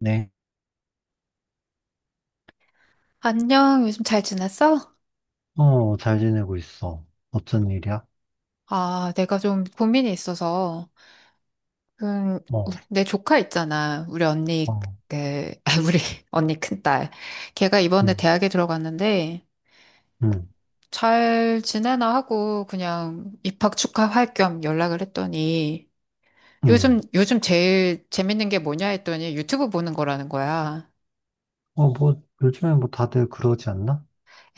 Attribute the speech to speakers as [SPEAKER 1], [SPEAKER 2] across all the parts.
[SPEAKER 1] 네.
[SPEAKER 2] 안녕, 요즘 잘 지냈어?
[SPEAKER 1] 어, 잘 지내고 있어. 어쩐 일이야?
[SPEAKER 2] 아, 내가 좀 고민이 있어서, 음,
[SPEAKER 1] 어,
[SPEAKER 2] 내 조카 있잖아. 우리 언니,
[SPEAKER 1] 어,
[SPEAKER 2] 그, 아, 우리 언니 큰딸. 걔가 이번에
[SPEAKER 1] 음,
[SPEAKER 2] 대학에 들어갔는데,
[SPEAKER 1] 음,
[SPEAKER 2] 잘 지내나 하고, 그냥 입학 축하할 겸 연락을 했더니,
[SPEAKER 1] 음.
[SPEAKER 2] 요즘 제일 재밌는 게 뭐냐 했더니 유튜브 보는 거라는 거야.
[SPEAKER 1] 어, 뭐, 요즘에 뭐 다들 그러지 않나?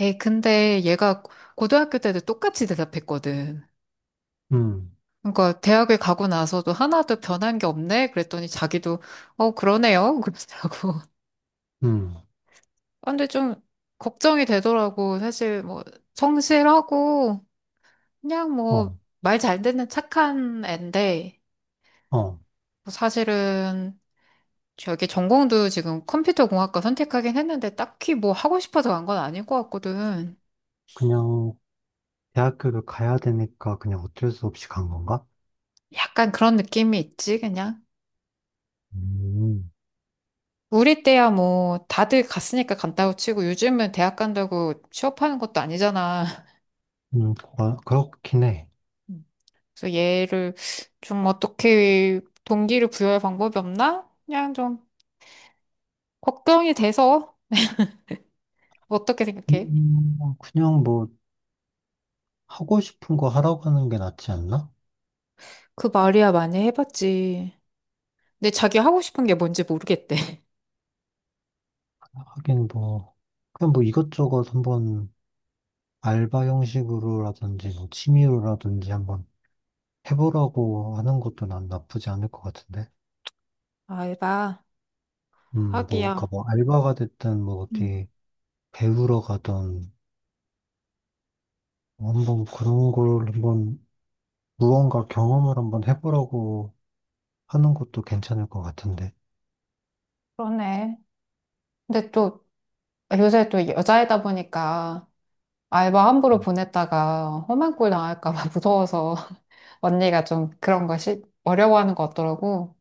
[SPEAKER 2] 에이, 근데 얘가 고등학교 때도 똑같이 대답했거든.
[SPEAKER 1] 음,
[SPEAKER 2] 그러니까 대학을 가고 나서도 하나도 변한 게 없네? 그랬더니 자기도 어 그러네요. 그러더라고.
[SPEAKER 1] 음,
[SPEAKER 2] 근데 좀 걱정이 되더라고. 사실 뭐 성실하고 그냥
[SPEAKER 1] 어,
[SPEAKER 2] 뭐 말 잘 듣는 착한 애인데
[SPEAKER 1] 어.
[SPEAKER 2] 뭐 사실은 저기 전공도 지금 컴퓨터공학과 선택하긴 했는데 딱히 뭐 하고 싶어서 간 건 아닐 것 같거든.
[SPEAKER 1] 그냥 대학교를 가야 되니까 그냥 어쩔 수 없이 간 건가?
[SPEAKER 2] 약간 그런 느낌이 있지 그냥.
[SPEAKER 1] 음,
[SPEAKER 2] 우리 때야 뭐 다들 갔으니까 간다고 치고 요즘은 대학 간다고 취업하는 것도 아니잖아.
[SPEAKER 1] 음, 어, 그렇긴 해.
[SPEAKER 2] 그래서 얘를 좀 어떻게 동기를 부여할 방법이 없나? 그냥 좀 걱정이 돼서 어떻게 생각해?
[SPEAKER 1] 그냥 뭐, 하고 싶은 거 하라고 하는 게 낫지 않나?
[SPEAKER 2] 그 말이야 많이 해봤지. 근데 자기 하고 싶은 게 뭔지 모르겠대.
[SPEAKER 1] 하긴 뭐, 그냥 뭐 이것저것 한번 알바 형식으로라든지 뭐 취미로라든지 한번 해보라고 하는 것도 난 나쁘지 않을 것 같은데.
[SPEAKER 2] 알바?
[SPEAKER 1] 뭐, 그니까
[SPEAKER 2] 하기야.
[SPEAKER 1] 뭐, 알바가 됐든, 뭐,
[SPEAKER 2] 음.
[SPEAKER 1] 어디 배우러 가든, 한번 그런 걸 한번, 무언가 경험을 한번 해보라고 하는 것도 괜찮을 것 같은데.
[SPEAKER 2] 그러네. 근데 또 요새 또 여자이다 보니까 알바 함부로 보냈다가 험한 꼴 당할까 봐 무서워서 언니가 좀 그런 것이 어려워하는 것 같더라고.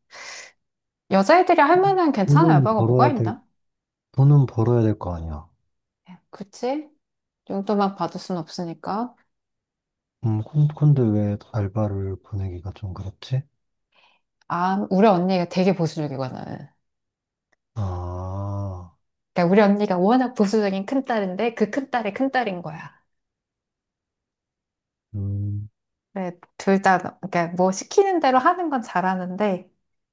[SPEAKER 2] 여자애들이 할 만한 괜찮은
[SPEAKER 1] 돈은
[SPEAKER 2] 알바가 뭐가
[SPEAKER 1] 벌어야 될,
[SPEAKER 2] 있나?
[SPEAKER 1] 돈은 벌어야 될 거 아니야.
[SPEAKER 2] 그치? 용돈 막 받을 순 없으니까.
[SPEAKER 1] 근데 왜 알바를 보내기가 좀 그렇지?
[SPEAKER 2] 아, 우리 언니가 되게 보수적이거든.
[SPEAKER 1] 아,
[SPEAKER 2] 그러니까 우리 언니가 워낙 보수적인 큰딸인데 그 큰딸이 큰딸인 거야.
[SPEAKER 1] 음,
[SPEAKER 2] 그래, 둘 다, 그러니까 뭐 시키는 대로 하는 건 잘하는데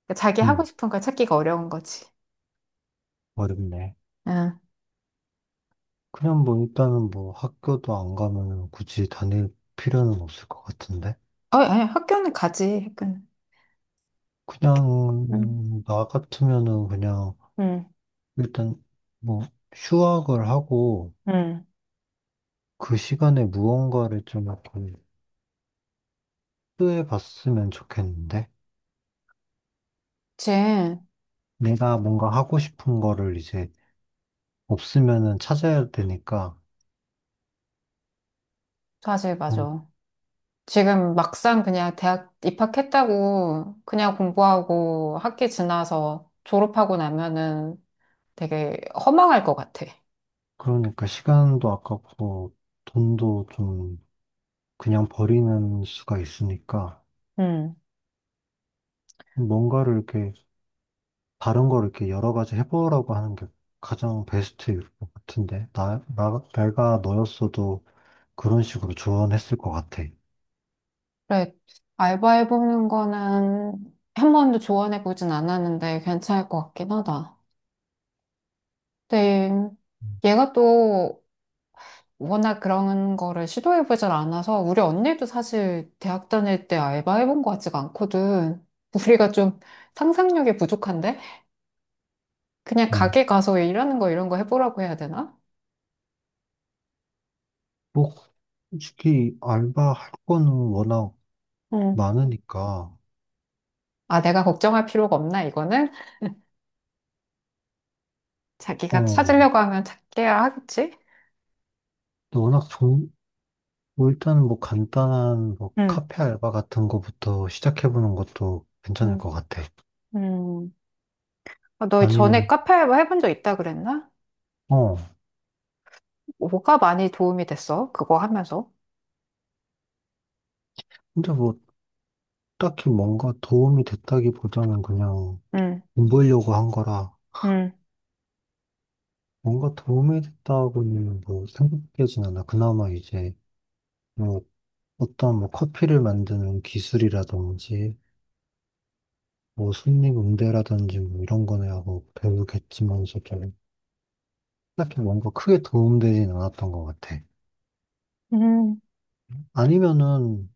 [SPEAKER 2] 그러니까 자기 하고
[SPEAKER 1] 음,
[SPEAKER 2] 싶은 걸 찾기가 어려운 거지.
[SPEAKER 1] 어렵네.
[SPEAKER 2] 응.
[SPEAKER 1] 그냥 뭐, 일단은 뭐, 학교도 안 가면 굳이 다닐 필요는 없을 것 같은데.
[SPEAKER 2] 어, 아니, 학교는 가지, 학교는. 응.
[SPEAKER 1] 그냥 나 같으면은 그냥
[SPEAKER 2] 응,
[SPEAKER 1] 일단 뭐 휴학을 하고
[SPEAKER 2] 응.
[SPEAKER 1] 그 시간에 무언가를 좀 약간 시도해 봤으면 좋겠는데
[SPEAKER 2] 그치.
[SPEAKER 1] 내가 뭔가 하고 싶은 거를 이제 없으면은 찾아야 되니까
[SPEAKER 2] 사실,
[SPEAKER 1] 좀
[SPEAKER 2] 맞아. 지금 막상 그냥 대학 입학했다고 그냥 공부하고 학기 지나서 졸업하고 나면은 되게 허망할 것 같아.
[SPEAKER 1] 그러니까 시간도 아깝고 돈도 좀 그냥 버리는 수가 있으니까
[SPEAKER 2] 음,
[SPEAKER 1] 뭔가를 이렇게 다른 걸 이렇게 여러 가지 해보라고 하는 게 가장 베스트일 것 같은데 내가 너였어도 그런 식으로 조언했을 것 같아.
[SPEAKER 2] 그래, 알바해보는 거는 한 번도 조언해보진 않았는데 괜찮을 것 같긴 하다. 근데 얘가 또 워낙 그런 거를 시도해보질 않아서 우리 언니도 사실 대학 다닐 때 알바해본 것 같지가 않거든. 우리가 좀 상상력이 부족한데? 그냥
[SPEAKER 1] 음,
[SPEAKER 2] 가게 가서 일하는 거 이런 거 해보라고 해야 되나?
[SPEAKER 1] 뭐, 솔직히 알바할 거는 워낙
[SPEAKER 2] 음,
[SPEAKER 1] 많으니까,
[SPEAKER 2] 아, 내가 걱정할 필요가 없나, 이거는? 자기가
[SPEAKER 1] 어,
[SPEAKER 2] 찾으려고 하면 찾게야 하겠지?
[SPEAKER 1] 또 워낙 뭐 일단 뭐 간단한 뭐
[SPEAKER 2] 음.
[SPEAKER 1] 카페 알바 같은 거부터 시작해보는 것도 괜찮을
[SPEAKER 2] 음.
[SPEAKER 1] 것 같아.
[SPEAKER 2] 음. 아, 너 전에
[SPEAKER 1] 아니면,
[SPEAKER 2] 카페 알바 해본 적 있다 그랬나?
[SPEAKER 1] 어,
[SPEAKER 2] 뭐가 많이 도움이 됐어? 그거 하면서?
[SPEAKER 1] 근데 뭐 딱히 뭔가 도움이 됐다기보다는 그냥
[SPEAKER 2] 응,
[SPEAKER 1] 돈 벌려고 한 거라,
[SPEAKER 2] 응,
[SPEAKER 1] 뭔가 도움이 됐다고는 뭐 생각되진 않아. 그나마 이제 뭐 어떤 뭐 커피를 만드는 기술이라든지 뭐 승립 응대라든지 뭐 이런 거네 하고 배우겠지만서도 딱히 뭔가 크게 도움되진 않았던 것 같아.
[SPEAKER 2] 응,
[SPEAKER 1] 아니면은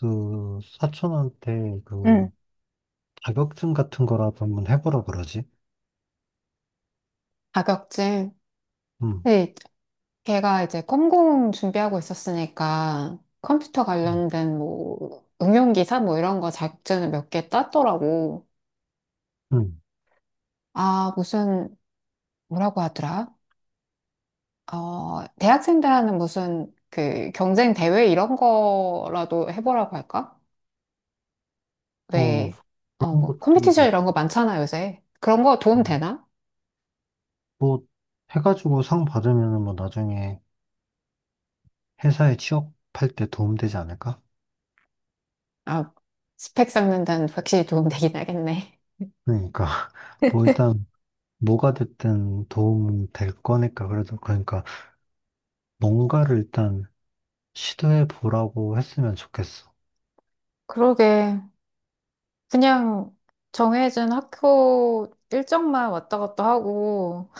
[SPEAKER 1] 그 사촌한테
[SPEAKER 2] 응.
[SPEAKER 1] 그 자격증 같은 거라도 한번 해보라 그러지?
[SPEAKER 2] 자격증.
[SPEAKER 1] 응,
[SPEAKER 2] 네, 걔가 이제 컴공 준비하고 있었으니까 컴퓨터
[SPEAKER 1] 응,
[SPEAKER 2] 관련된 뭐 응용기사 뭐 이런 거 자격증을 몇 개 땄더라고.
[SPEAKER 1] 응.
[SPEAKER 2] 아, 무슨 뭐라고 하더라? 어, 대학생들 하는 무슨 그 경쟁 대회 이런 거라도 해보라고 할까?
[SPEAKER 1] 어,
[SPEAKER 2] 왜, 어,
[SPEAKER 1] 그런
[SPEAKER 2] 뭐, 컴퓨
[SPEAKER 1] 것도
[SPEAKER 2] 티션 이런 거 많잖아, 요새. 그런 거 도움
[SPEAKER 1] 나-
[SPEAKER 2] 되나?
[SPEAKER 1] 뭐 해가지고 상 받으면은 뭐 나중에 회사에 취업할 때 도움되지 않을까?
[SPEAKER 2] 아, 스펙 쌓는다는 확실히 도움 되긴 하겠네.
[SPEAKER 1] 그러니까 뭐 일단 뭐가 됐든 도움 될 거니까 그래도 그러니까 뭔가를 일단 시도해 보라고 했으면 좋겠어.
[SPEAKER 2] 그러게. 그냥 정해진 학교 일정만 왔다 갔다 하고,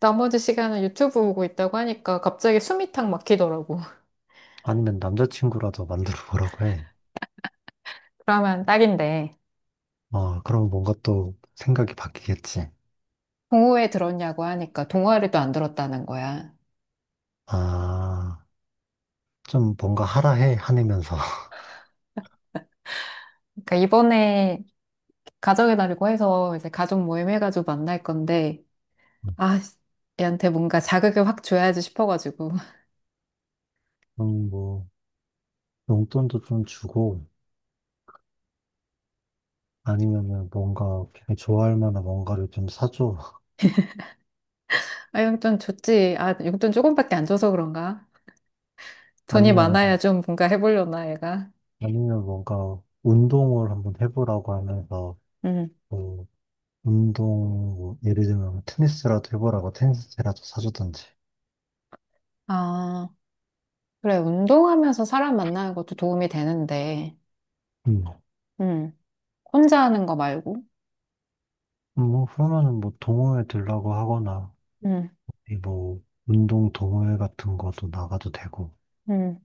[SPEAKER 2] 나머지 시간은 유튜브 보고 있다고 하니까 갑자기 숨이 탁 막히더라고.
[SPEAKER 1] 아니면 남자친구라도 만들어 보라고 해.
[SPEAKER 2] 그러면 딱인데.
[SPEAKER 1] 어, 그럼 뭔가 또 생각이 바뀌겠지.
[SPEAKER 2] 동호회 들었냐고 하니까 동아리도 안 들었다는 거야.
[SPEAKER 1] 아, 좀 뭔가 하라 해, 화내면서.
[SPEAKER 2] 그러니까 이번에 가정의 날이고 해서 이제 가족 모임 해가지고 만날 건데, 아, 얘한테 뭔가 자극을 확 줘야지 싶어가지고.
[SPEAKER 1] 뭐, 용돈도 좀 주고, 아니면은 뭔가 걔 좋아할 만한 뭔가를 좀 사줘.
[SPEAKER 2] 아, 용돈 줬지. 아, 용돈 조금밖에 안 줘서 그런가? 돈이
[SPEAKER 1] 아니면은,
[SPEAKER 2] 많아야 좀 뭔가 해보려나, 얘가.
[SPEAKER 1] 아니면 뭔가 운동을 한번 해보라고 하면서,
[SPEAKER 2] 음.
[SPEAKER 1] 뭐, 운동, 뭐 예를 들면 테니스라도 해보라고 테니스채라도 사주던지.
[SPEAKER 2] 아, 그래. 운동하면서 사람 만나는 것도 도움이 되는데,
[SPEAKER 1] 음.
[SPEAKER 2] 음, 혼자 하는 거 말고.
[SPEAKER 1] 뭐, 그러면은 뭐 동호회 들라고 하거나,
[SPEAKER 2] 음.
[SPEAKER 1] 이 뭐, 운동 동호회 같은 것도 나가도 되고.
[SPEAKER 2] 음.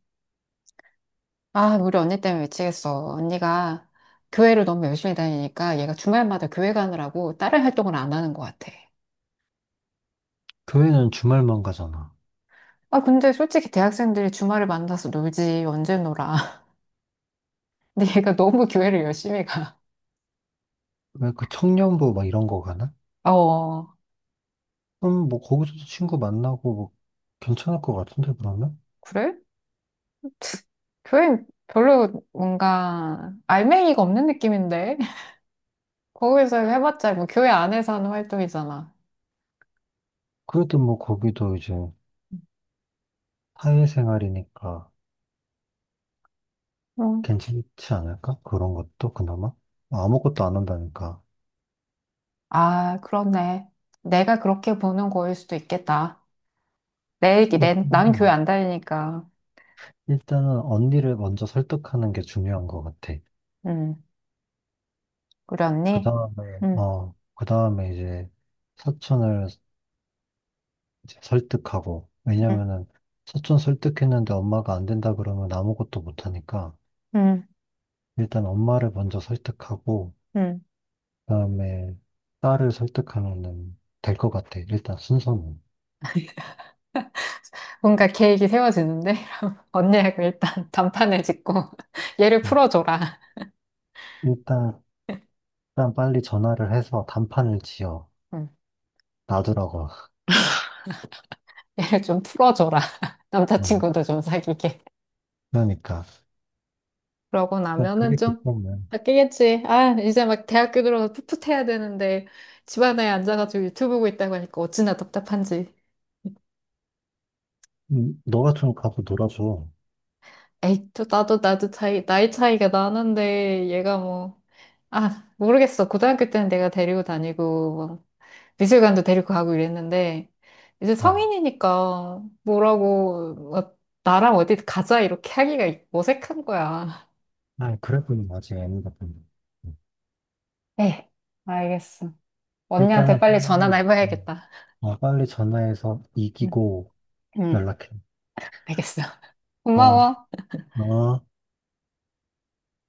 [SPEAKER 2] 아, 우리 언니 때문에 미치겠어. 언니가 교회를 너무 열심히 다니니까 얘가 주말마다 교회 가느라고 다른 활동을 안 하는 것 같아.
[SPEAKER 1] 교회는 주말만 가잖아.
[SPEAKER 2] 아, 근데 솔직히 대학생들이 주말에 만나서 놀지. 언제 놀아. 근데 얘가 너무 교회를 열심히 가.
[SPEAKER 1] 왜 그 청년부 막 이런 거 가나?
[SPEAKER 2] 어,
[SPEAKER 1] 뭐, 거기서도 친구 만나고 뭐, 괜찮을 것 같은데, 그러면?
[SPEAKER 2] 그래? 교회 별로 뭔가 알맹이가 없는 느낌인데? 거기서 해봤자 뭐 교회 안에서 하는 활동이잖아.
[SPEAKER 1] 그래도 뭐, 거기도 이제 사회생활이니까
[SPEAKER 2] 응.
[SPEAKER 1] 괜찮지 않을까? 그런 것도 그나마? 아무것도 안 한다니까.
[SPEAKER 2] 아, 그렇네. 내가 그렇게 보는 거일 수도 있겠다. 나는 교회
[SPEAKER 1] 일단은,
[SPEAKER 2] 안 다니니까.
[SPEAKER 1] 일단은 언니를 먼저 설득하는 게 중요한 것 같아.
[SPEAKER 2] 응 우리
[SPEAKER 1] 그
[SPEAKER 2] 언니?
[SPEAKER 1] 다음에,
[SPEAKER 2] 응,
[SPEAKER 1] 어, 그 다음에 이제, 사촌을 이제 설득하고.
[SPEAKER 2] 응,
[SPEAKER 1] 왜냐면은 사촌 설득했는데 엄마가 안 된다 그러면 아무것도 못 하니까
[SPEAKER 2] 응,
[SPEAKER 1] 일단 엄마를 먼저 설득하고
[SPEAKER 2] 응.
[SPEAKER 1] 그다음에 딸을 설득하면은 될 것 같아. 일단 순서는. 음.
[SPEAKER 2] 뭔가 계획이 세워지는데? 언니하고 일단 단판을 짓고 얘를 풀어줘라.
[SPEAKER 1] 일단 일단 빨리 전화를 해서 단판을 지어
[SPEAKER 2] 응.
[SPEAKER 1] 놔두라고.
[SPEAKER 2] 얘를 좀 풀어줘라.
[SPEAKER 1] 음,
[SPEAKER 2] 남자친구도 좀 사귀게.
[SPEAKER 1] 그러니까
[SPEAKER 2] 그러고
[SPEAKER 1] 그냥
[SPEAKER 2] 나면은
[SPEAKER 1] 그게
[SPEAKER 2] 좀
[SPEAKER 1] 급하면
[SPEAKER 2] 바뀌겠지. 아, 이제 막 대학교 들어서 풋풋해야 되는데 집안에 앉아가지고 유튜브 보고 있다고 하니까 어찌나 답답한지.
[SPEAKER 1] 너가 좀 가서 놀아줘.
[SPEAKER 2] 에이, 또 나도 나이 차이가 나는데 얘가 뭐, 아, 모르겠어. 고등학교 때는 내가 데리고 다니고 뭐 미술관도 데리고 가고 이랬는데 이제
[SPEAKER 1] 아,
[SPEAKER 2] 성인이니까 뭐라고 뭐 나랑 어디 가자 이렇게 하기가 어색한 거야.
[SPEAKER 1] 아 그래 보면 아직 애는 같은데.
[SPEAKER 2] 에 알겠어. 언니한테
[SPEAKER 1] 일단은
[SPEAKER 2] 빨리 전화나
[SPEAKER 1] 빨리 음,
[SPEAKER 2] 해봐야겠다.
[SPEAKER 1] 어, 빨리 전화해서
[SPEAKER 2] 응,
[SPEAKER 1] 이기고
[SPEAKER 2] 응,
[SPEAKER 1] 연락해.
[SPEAKER 2] 알겠어.
[SPEAKER 1] 어,
[SPEAKER 2] 고마워.
[SPEAKER 1] 어.